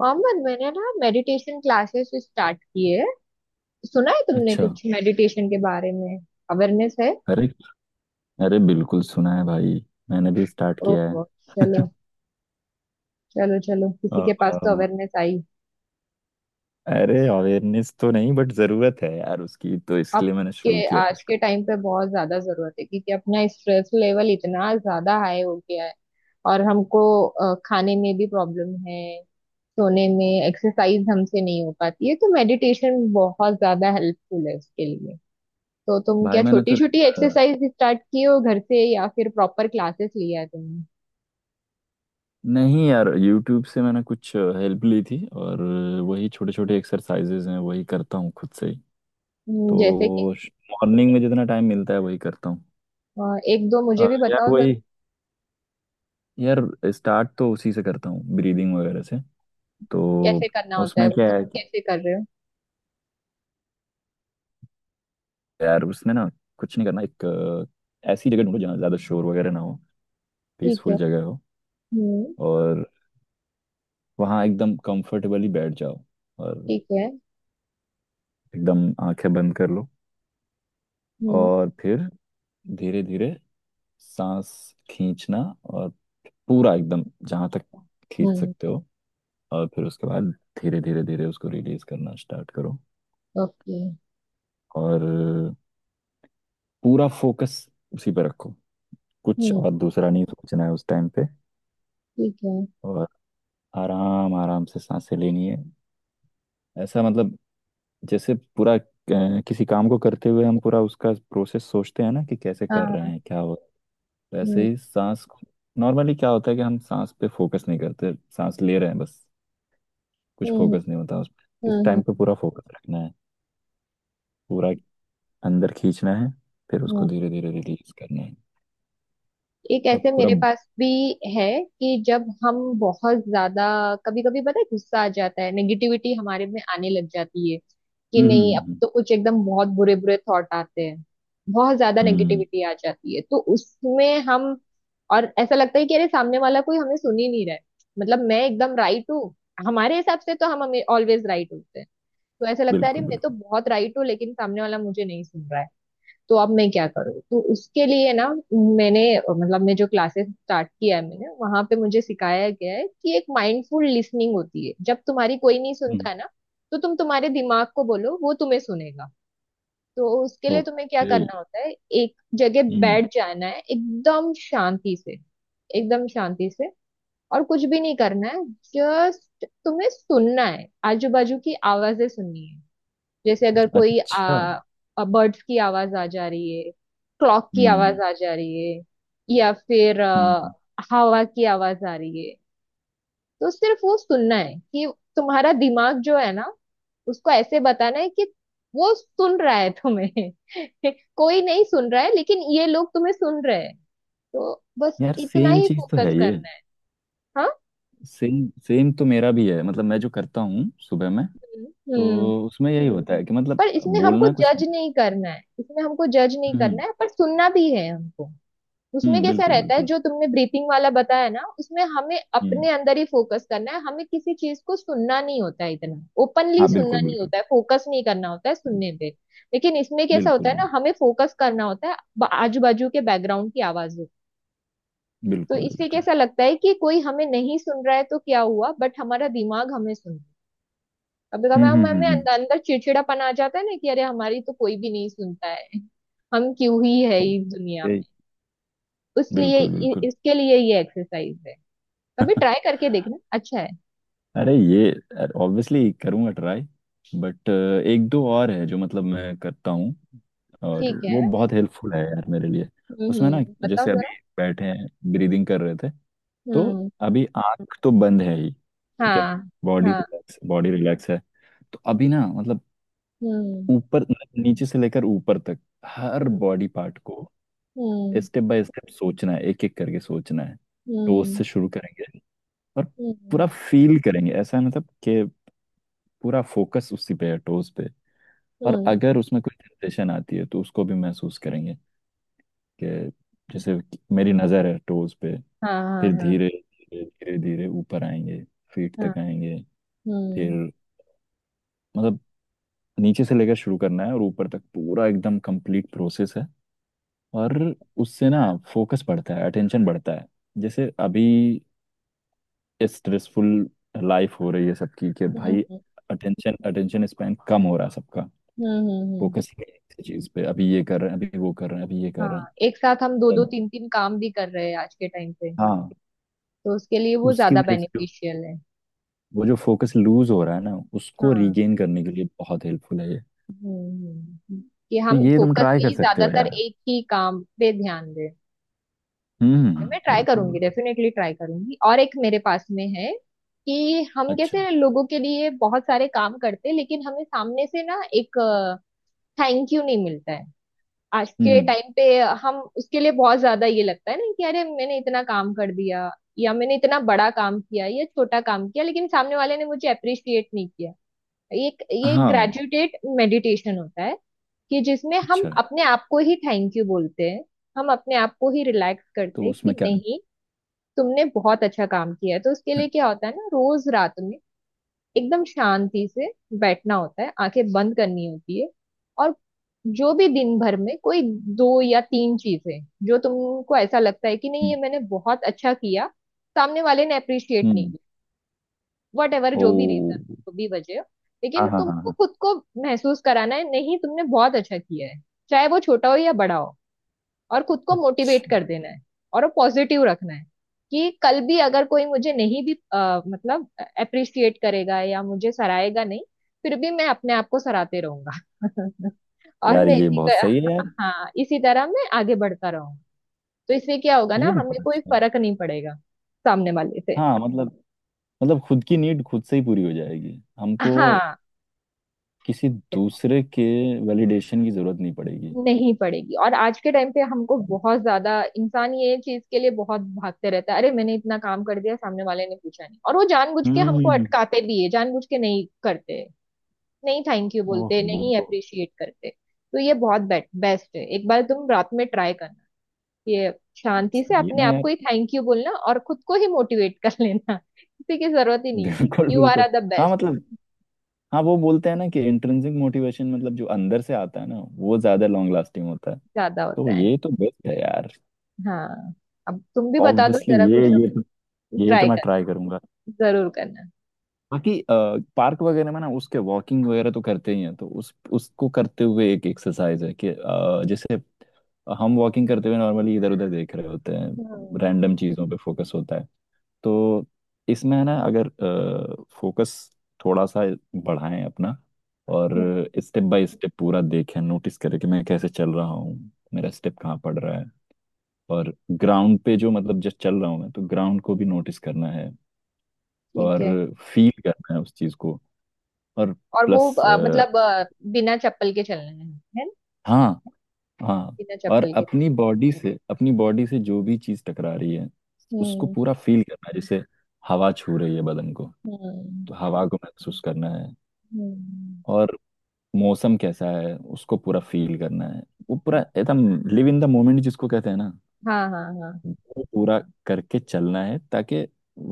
मोहम्मद, मैंने ना meditation classes start किए है। सुना है तुमने अच्छा। कुछ मेडिटेशन के बारे में? अवेयरनेस है। अरे अरे बिल्कुल सुना है भाई। मैंने भी स्टार्ट किया है। ओह। चलो। चलो चलो किसी के पास तो अम, अवेयरनेस आई। अरे अवेयरनेस तो नहीं बट जरूरत है यार उसकी तो, अब इसलिए मैंने शुरू के किया है आज उसको। के टाइम पे बहुत ज्यादा जरूरत है क्योंकि अपना स्ट्रेस लेवल इतना ज्यादा हाई हो गया है और हमको खाने में भी प्रॉब्लम है। सोने में एक्सरसाइज हमसे नहीं हो पाती है तो मेडिटेशन बहुत ज्यादा हेल्पफुल है उसके लिए। तो तुम भाई क्या मैंने छोटी तो छोटी एक्सरसाइज स्टार्ट किए हो घर से, या फिर प्रॉपर क्लासेस लिया है तुमने? नहीं यार, यूट्यूब से मैंने कुछ हेल्प ली थी, और वही छोटे छोटे एक्सरसाइजेज हैं वही करता हूँ खुद से ही। हम्म। जैसे कि, तो मॉर्निंग में जितना टाइम मिलता है वही करता हूँ। अ, एक दो मुझे भी यार बताओ जरा। वही, यार स्टार्ट तो उसी से करता हूँ, ब्रीदिंग वगैरह से। तो कैसे करना होता है? उसमें वो क्या तुम है, कैसे कर रहे हो? यार उसमें ना कुछ नहीं करना, एक ऐसी जगह ढूंढो जहाँ ज्यादा शोर वगैरह ना हो, ठीक है। पीसफुल जगह हो। हम्म। और वहाँ एकदम कंफर्टेबली बैठ जाओ और ठीक है। एकदम आंखें बंद कर लो। हम्म और फिर धीरे धीरे सांस खींचना, और पूरा एकदम जहाँ तक खींच हम्म। सकते हो। और फिर उसके बाद धीरे धीरे धीरे उसको रिलीज करना स्टार्ट करो। ओके। और पूरा फोकस उसी पे रखो, कुछ हम्म। और दूसरा नहीं सोचना है उस टाइम पे। ठीक है। और आराम आराम से सांसें लेनी है। ऐसा, मतलब जैसे पूरा, किसी काम को करते हुए हम पूरा उसका प्रोसेस सोचते हैं ना, कि कैसे कर रहे हाँ। हैं, क्या हो। हम्म वैसे ही सांस को। नॉर्मली क्या होता है कि हम सांस पे फोकस नहीं करते, सांस ले रहे हैं बस, कुछ हम्म। फोकस नहीं होता उस पे। इस टाइम पे हम्म। पूरा फोकस रखना है। पूरा अंदर खींचना है, फिर हम्म। उसको धीरे धीरे रिलीज करना है। एक और ऐसे पूरा मेरे पास भी है, कि जब हम बहुत ज्यादा, कभी कभी पता है गुस्सा आ जाता है, नेगेटिविटी हमारे में आने लग जाती है कि हम्म नहीं, अब हम्म, तो कुछ एकदम बहुत बुरे बुरे थॉट आते हैं। बहुत ज्यादा हम्म, नेगेटिविटी आ जाती है तो उसमें हम, और ऐसा लगता है कि अरे, सामने वाला कोई हमें सुन ही नहीं रहा है। मतलब मैं एकदम राइट हूँ, हमारे हिसाब से तो हम, हमें ऑलवेज राइट होते हैं। तो ऐसा लगता है अरे, बिल्कुल मैं तो बिल्कुल। बहुत राइट हूँ लेकिन सामने वाला मुझे नहीं सुन रहा है। तो अब मैं क्या करूँ? तो उसके लिए ना, मैंने, मतलब मैं जो क्लासेस स्टार्ट किया है मैंने, वहां पे मुझे सिखाया गया है कि एक माइंडफुल लिसनिंग होती है। जब तुम्हारी कोई नहीं हम्म, सुनता है ना, तो तुम तुम्हारे दिमाग को बोलो, वो तुम्हें सुनेगा। तो उसके लिए तुम्हें क्या ओके। करना होता है? एक जगह हम्म। बैठ जाना है एकदम शांति से, एकदम शांति से। और कुछ भी नहीं करना है। जस्ट तुम्हें सुनना है, आजू बाजू की आवाजें सुननी है। जैसे अगर कोई अच्छा। बर्ड्स की आवाज आ जा रही है, क्लॉक की आवाज हम्म आ जा रही है, या फिर हम्म। हवा की आवाज आ रही है, तो सिर्फ वो सुनना है। कि तुम्हारा दिमाग जो है ना, उसको ऐसे बताना है कि वो सुन रहा है तुम्हें। कोई नहीं सुन रहा है, लेकिन ये लोग तुम्हें सुन रहे हैं। तो बस यार इतना सेम ही चीज तो फोकस है ये। करना है। हाँ। सेम सेम तो मेरा भी है, मतलब मैं जो करता हूँ सुबह में, हम्म। तो उसमें यही होता है कि मतलब, पर इसमें हमको बोलना कुछ जज नहीं। नहीं करना है, इसमें हमको जज नहीं करना हम्म है, पर सुनना भी है हमको। उसमें हम्म, कैसा बिल्कुल रहता है बिल्कुल। जो तुमने ब्रीथिंग वाला बताया ना, उसमें हमें अपने हम्म। अंदर ही फोकस करना है, हमें किसी चीज को सुनना नहीं होता है, इतना ओपनली हाँ, सुनना बिल्कुल नहीं बिल्कुल। होता है, फोकस नहीं करना होता है सुनने पे। लेकिन इसमें कैसा होता बिल्कुल है ना, हमें फोकस करना होता है आजू बाजू के बैकग्राउंड की आवाजों। तो बिल्कुल इससे बिल्कुल। कैसा लगता है कि कोई हमें नहीं सुन रहा है तो क्या हुआ, बट हमारा दिमाग हमें सुन रहा है। कभी कभी हम, हमें हम्म। अंदर अंदर चिड़चिड़ापन आ जाता है ना कि अरे, हमारी तो कोई भी नहीं सुनता है, हम क्यों ही है हम्म, इस दुनिया में, यही। इसलिए बिल्कुल बिल्कुल। इसके लिए ये एक्सरसाइज है। कभी ट्राई करके देखना, अच्छा है। अरे ये ऑब्वियसली करूँगा ट्राई। बट एक दो और है जो, मतलब मैं करता हूँ, और ठीक है। वो बहुत हेल्पफुल है यार मेरे लिए। उसमें ना, हम्म, बताओ जैसे अभी जरा। बैठे हैं, ब्रीदिंग कर रहे थे, तो हम्म। अभी आंख तो बंद है ही। ठीक है। हाँ बॉडी हाँ। रिलैक्स बॉडी रिलैक्स है। तो अभी ना मतलब, हम्म ऊपर, मतलब नीचे से लेकर ऊपर तक, हर हम्म। बॉडी पार्ट को हम्म स्टेप बाय स्टेप सोचना है, एक एक करके सोचना है। टोस हम्म। से शुरू करेंगे, और हम्म पूरा फील करेंगे। ऐसा है मतलब कि पूरा फोकस उसी पे है, टोस पे। और हम्म, अगर उसमें कोई टेंशन आती है तो उसको भी महसूस करेंगे, कि जैसे कि मेरी नज़र है टोस पे। हाँ हाँ फिर हाँ धीरे धीरे धीरे धीरे ऊपर आएंगे, फीट हाँ। तक आएंगे। फिर हम्म मतलब नीचे से लेकर शुरू करना है और ऊपर तक, पूरा एकदम कंप्लीट प्रोसेस है। और उससे ना फोकस बढ़ता है, अटेंशन बढ़ता है। जैसे अभी स्ट्रेसफुल लाइफ हो रही है सबकी, कि हम्म। भाई अटेंशन अटेंशन स्पैन कम हो रहा है सबका। हम्म। फोकस ही नहीं है किसी चीज पे, अभी ये कर रहे हैं, अभी वो कर रहे हैं, अभी ये कर हाँ, रहे हैं। एक साथ हम दो दो मतलब, तीन तीन काम भी कर रहे हैं आज के टाइम पे। हाँ। तो उसके लिए तो वो उसकी ज्यादा वजह से जो- बेनिफिशियल है। वो जो फोकस लूज हो रहा है ना, उसको हाँ। रिगेन करने के लिए बहुत हेल्पफुल है ये। हम्म हम्म, हम्म। कि तो हम ये तुम ट्राई कर फोकसली सकते हो ज्यादातर यार। एक ही काम पे ध्यान दें। हम्म मैं ट्राई बिल्कुल करूंगी, बिल्कुल। डेफिनेटली ट्राई करूंगी। और एक मेरे पास में है, कि हम अच्छा। कैसे लोगों के लिए बहुत सारे काम करते हैं लेकिन हमें सामने से ना एक थैंक यू नहीं मिलता है, आज के हम्म। टाइम पे। हम उसके लिए बहुत ज्यादा ये लगता है ना कि अरे, मैंने इतना काम कर दिया, या मैंने इतना बड़ा काम किया या छोटा काम किया लेकिन सामने वाले ने मुझे अप्रिशिएट नहीं किया। ये ये हाँ। ग्रेजुएटेड मेडिटेशन होता है, कि जिसमें हम अच्छा। अपने आप को ही थैंक यू बोलते हैं, हम अपने आप को ही रिलैक्स करते तो हैं कि उसमें क्या। नहीं, तुमने बहुत अच्छा काम किया है। तो उसके लिए क्या होता है ना, रोज रात में एकदम शांति से बैठना होता है, आंखें बंद करनी होती है, और जो भी दिन भर में कोई दो या तीन चीजें जो तुमको ऐसा लगता है कि नहीं, ये हम्म मैंने बहुत अच्छा किया, सामने वाले ने अप्रिशिएट नहीं हम्म, किया, वट एवर जो भी ओ। रीजन, जो भी वजह हो, लेकिन हाँ हाँ हाँ तुमको हाँ। खुद को महसूस कराना है, नहीं तुमने बहुत अच्छा किया है, चाहे वो छोटा हो या बड़ा हो, और खुद को मोटिवेट अच्छा। कर देना है, और वो पॉजिटिव रखना है। कि कल भी अगर कोई मुझे नहीं भी मतलब अप्रिशिएट करेगा, या मुझे सराहेगा नहीं, फिर भी मैं अपने आप को सराहते रहूंगा। और यार मैं ये इसी बहुत सही है यार। हाँ, इसी तरह मैं आगे बढ़ता रहूंगा। तो इससे क्या होगा ना, ये हमें बहुत कोई अच्छा है। फर्क नहीं पड़ेगा सामने वाले से। हाँ मतलब खुद की नीड खुद से ही पूरी हो जाएगी हमको, हाँ। किसी दूसरे के वैलिडेशन की जरूरत नहीं पड़ेगी। नहीं पड़ेगी, और आज के टाइम पे हमको बहुत ज्यादा, इंसान ये चीज के लिए बहुत भागते रहता है, अरे मैंने इतना काम कर दिया सामने वाले ने पूछा नहीं, और वो जानबूझ के हमको हम्म। अटकाते भी है, जानबूझ के नहीं करते, नहीं थैंक यू बोलते, नहीं ओहो। अप्रिशिएट करते। तो ये बहुत बेट बेस्ट है, एक बार तुम रात में ट्राई करना। ये, शांति से सही अपने में आप यार। को ही थैंक यू बोलना, और खुद को ही मोटिवेट कर लेना। किसी की जरूरत ही नहीं। बिल्कुल यू आर बिल्कुल। आर द हाँ बेस्ट। मतलब, हाँ वो बोलते हैं ना कि इंट्रिंसिक मोटिवेशन, मतलब जो अंदर से आता है ना, वो ज्यादा लॉन्ग लास्टिंग होता है। ज्यादा तो होता है। ये तो बेस्ट है यार। हाँ, अब तुम भी बता दो ऑब्वियसली जरा कुछ। ये तो ट्राई मैं करना, ट्राई करूंगा। जरूर करना। बाकी पार्क वगैरह में ना, उसके वॉकिंग वगैरह तो करते ही हैं, तो उस उसको करते हुए एक एक्सरसाइज है, कि जैसे हम वॉकिंग करते हुए नॉर्मली इधर उधर देख रहे होते हैं, हम्म रैंडम चीज़ों पे फोकस होता है। तो इसमें है ना, अगर फोकस थोड़ा सा बढ़ाएं अपना, और हम्म। स्टेप बाय स्टेप पूरा देखें, नोटिस करें कि मैं कैसे चल रहा हूँ, मेरा स्टेप कहाँ पड़ रहा है। और ग्राउंड पे जो, मतलब जस्ट चल रहा हूँ मैं, तो ग्राउंड को भी नोटिस करना है, ठीक और है। फील करना है उस चीज को। और और वो प्लस, मतलब बिना चप्पल के चलना है ना? हाँ हाँ, बिना और चप्पल के। अपनी बॉडी से जो भी चीज टकरा रही है उसको हम्म। पूरा फील करना है, जैसे हवा छू रही है बदन को, हम्म। तो हवा को महसूस करना है। हम्म। और मौसम कैसा है उसको पूरा फील करना है। वो पूरा एकदम, लिव इन द मोमेंट जिसको कहते हैं ना, हाँ हाँ हाँ। वो पूरा करके चलना है, ताकि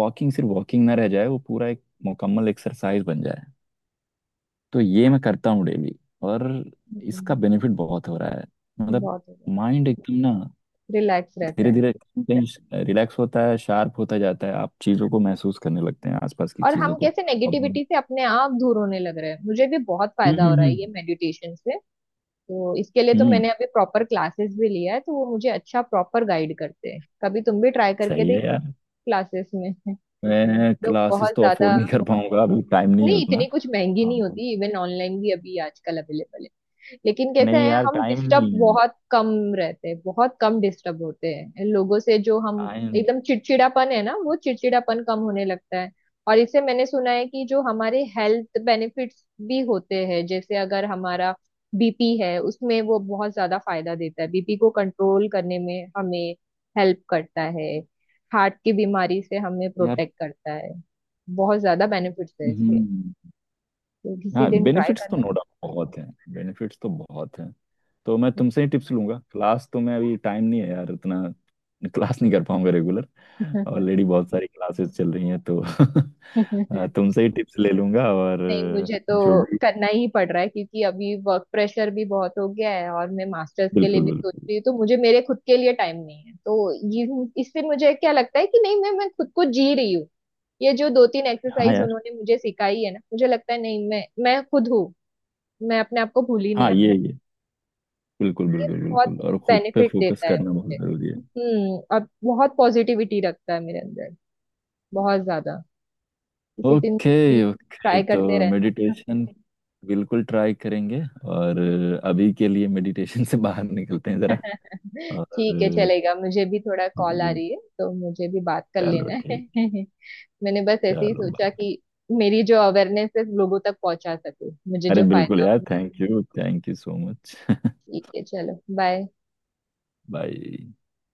वॉकिंग सिर्फ वॉकिंग ना रह जाए, वो पूरा एक मुकम्मल एक्सरसाइज बन जाए। तो ये मैं करता हूँ डेली, और इसका हम्म, बेनिफिट बहुत हो रहा है। मतलब बहुत हो गया। माइंड एकदम ना, रिलैक्स रहता धीरे है। धीरे कहीं रिलैक्स होता है, शार्प होता जाता है, आप चीज़ों को महसूस करने लगते हैं, आसपास की और हम चीज़ों को। कैसे अब नेगेटिविटी से अपने आप दूर होने लग रहे हैं, मुझे भी बहुत फायदा हो रहा है ये हम्म। मेडिटेशन से। तो इसके लिए तो हम्म, मैंने अभी प्रॉपर क्लासेस भी लिया है, तो वो मुझे अच्छा प्रॉपर गाइड करते हैं। कभी तुम भी ट्राई करके सही है देखना यार। क्लासेस में। मैं लोग क्लासेस बहुत तो ज्यादा, अफोर्ड नहीं कर पाऊंगा, अभी टाइम नहीं है नहीं, इतनी उतना। कुछ महंगी हाँ। नहीं होती, इवन ऑनलाइन भी अभी आजकल अवेलेबल है। लेकिन कैसा नहीं है, यार हम टाइम डिस्टर्ब नहीं है। बहुत कम रहते हैं, बहुत कम डिस्टर्ब होते हैं लोगों से, जो हम टाइम। एकदम चिड़चिड़ापन है ना, वो चिड़चिड़ापन कम होने लगता है। और इससे मैंने सुना है कि जो हमारे हेल्थ बेनिफिट्स भी होते हैं, जैसे अगर हमारा बीपी है, उसमें वो बहुत ज्यादा फायदा देता है, बीपी को कंट्रोल करने में हमें हेल्प करता है, हार्ट की बीमारी से हमें यार। प्रोटेक्ट करता है। बहुत ज्यादा बेनिफिट्स है इसके, हम्म। तो किसी हाँ दिन ट्राई बेनिफिट्स तो करना। नो डाउट बहुत हैं, बेनिफिट्स तो बहुत हैं। तो मैं तुमसे ही टिप्स लूंगा, क्लास तो मैं, अभी टाइम नहीं है यार उतना, क्लास नहीं कर पाऊंगा रेगुलर। ऑलरेडी बहुत सारी क्लासेस चल रही हैं तो तुमसे ही टिप्स ले लूंगा और नहीं, मुझे तो जो भी। करना ही पड़ रहा है क्योंकि अभी वर्क प्रेशर भी बहुत हो गया है और मैं मास्टर्स के लिए बिल्कुल भी बिल्कुल। सोच रही हूँ, तो मुझे मेरे खुद के लिए टाइम नहीं है। तो ये, इससे मुझे क्या लगता है कि नहीं, मैं खुद को जी रही हूँ। ये जो दो तीन हाँ एक्सरसाइज यार। उन्होंने मुझे सिखाई है ना, मुझे लगता है नहीं, मैं खुद हूँ, मैं अपने आप को भूली हाँ, नहीं हूँ। ये बिल्कुल ये बिल्कुल बहुत बिल्कुल, और खुद पे बेनिफिट फोकस देता है करना मुझे। बहुत जरूरी है। हम्म, और बहुत पॉजिटिविटी रखता है मेरे अंदर, बहुत ज्यादा। किसी दिन ओके। तुम भी ओके ट्राई तो करते रहना। मेडिटेशन बिल्कुल ट्राई करेंगे। और अभी के लिए मेडिटेशन से बाहर निकलते हैं जरा। ठीक है और, चलेगा, मुझे भी थोड़ा कॉल आ जी, रही है तो मुझे भी बात कर चलो लेना है। ठीक, मैंने बस ऐसे ही चलो सोचा भाई। कि मेरी जो अवेयरनेस है लोगों तक पहुंचा सकूं, मुझे अरे जो बिल्कुल फायदा हो। यार, थैंक यू सो मच। ठीक है, चलो बाय। भाई।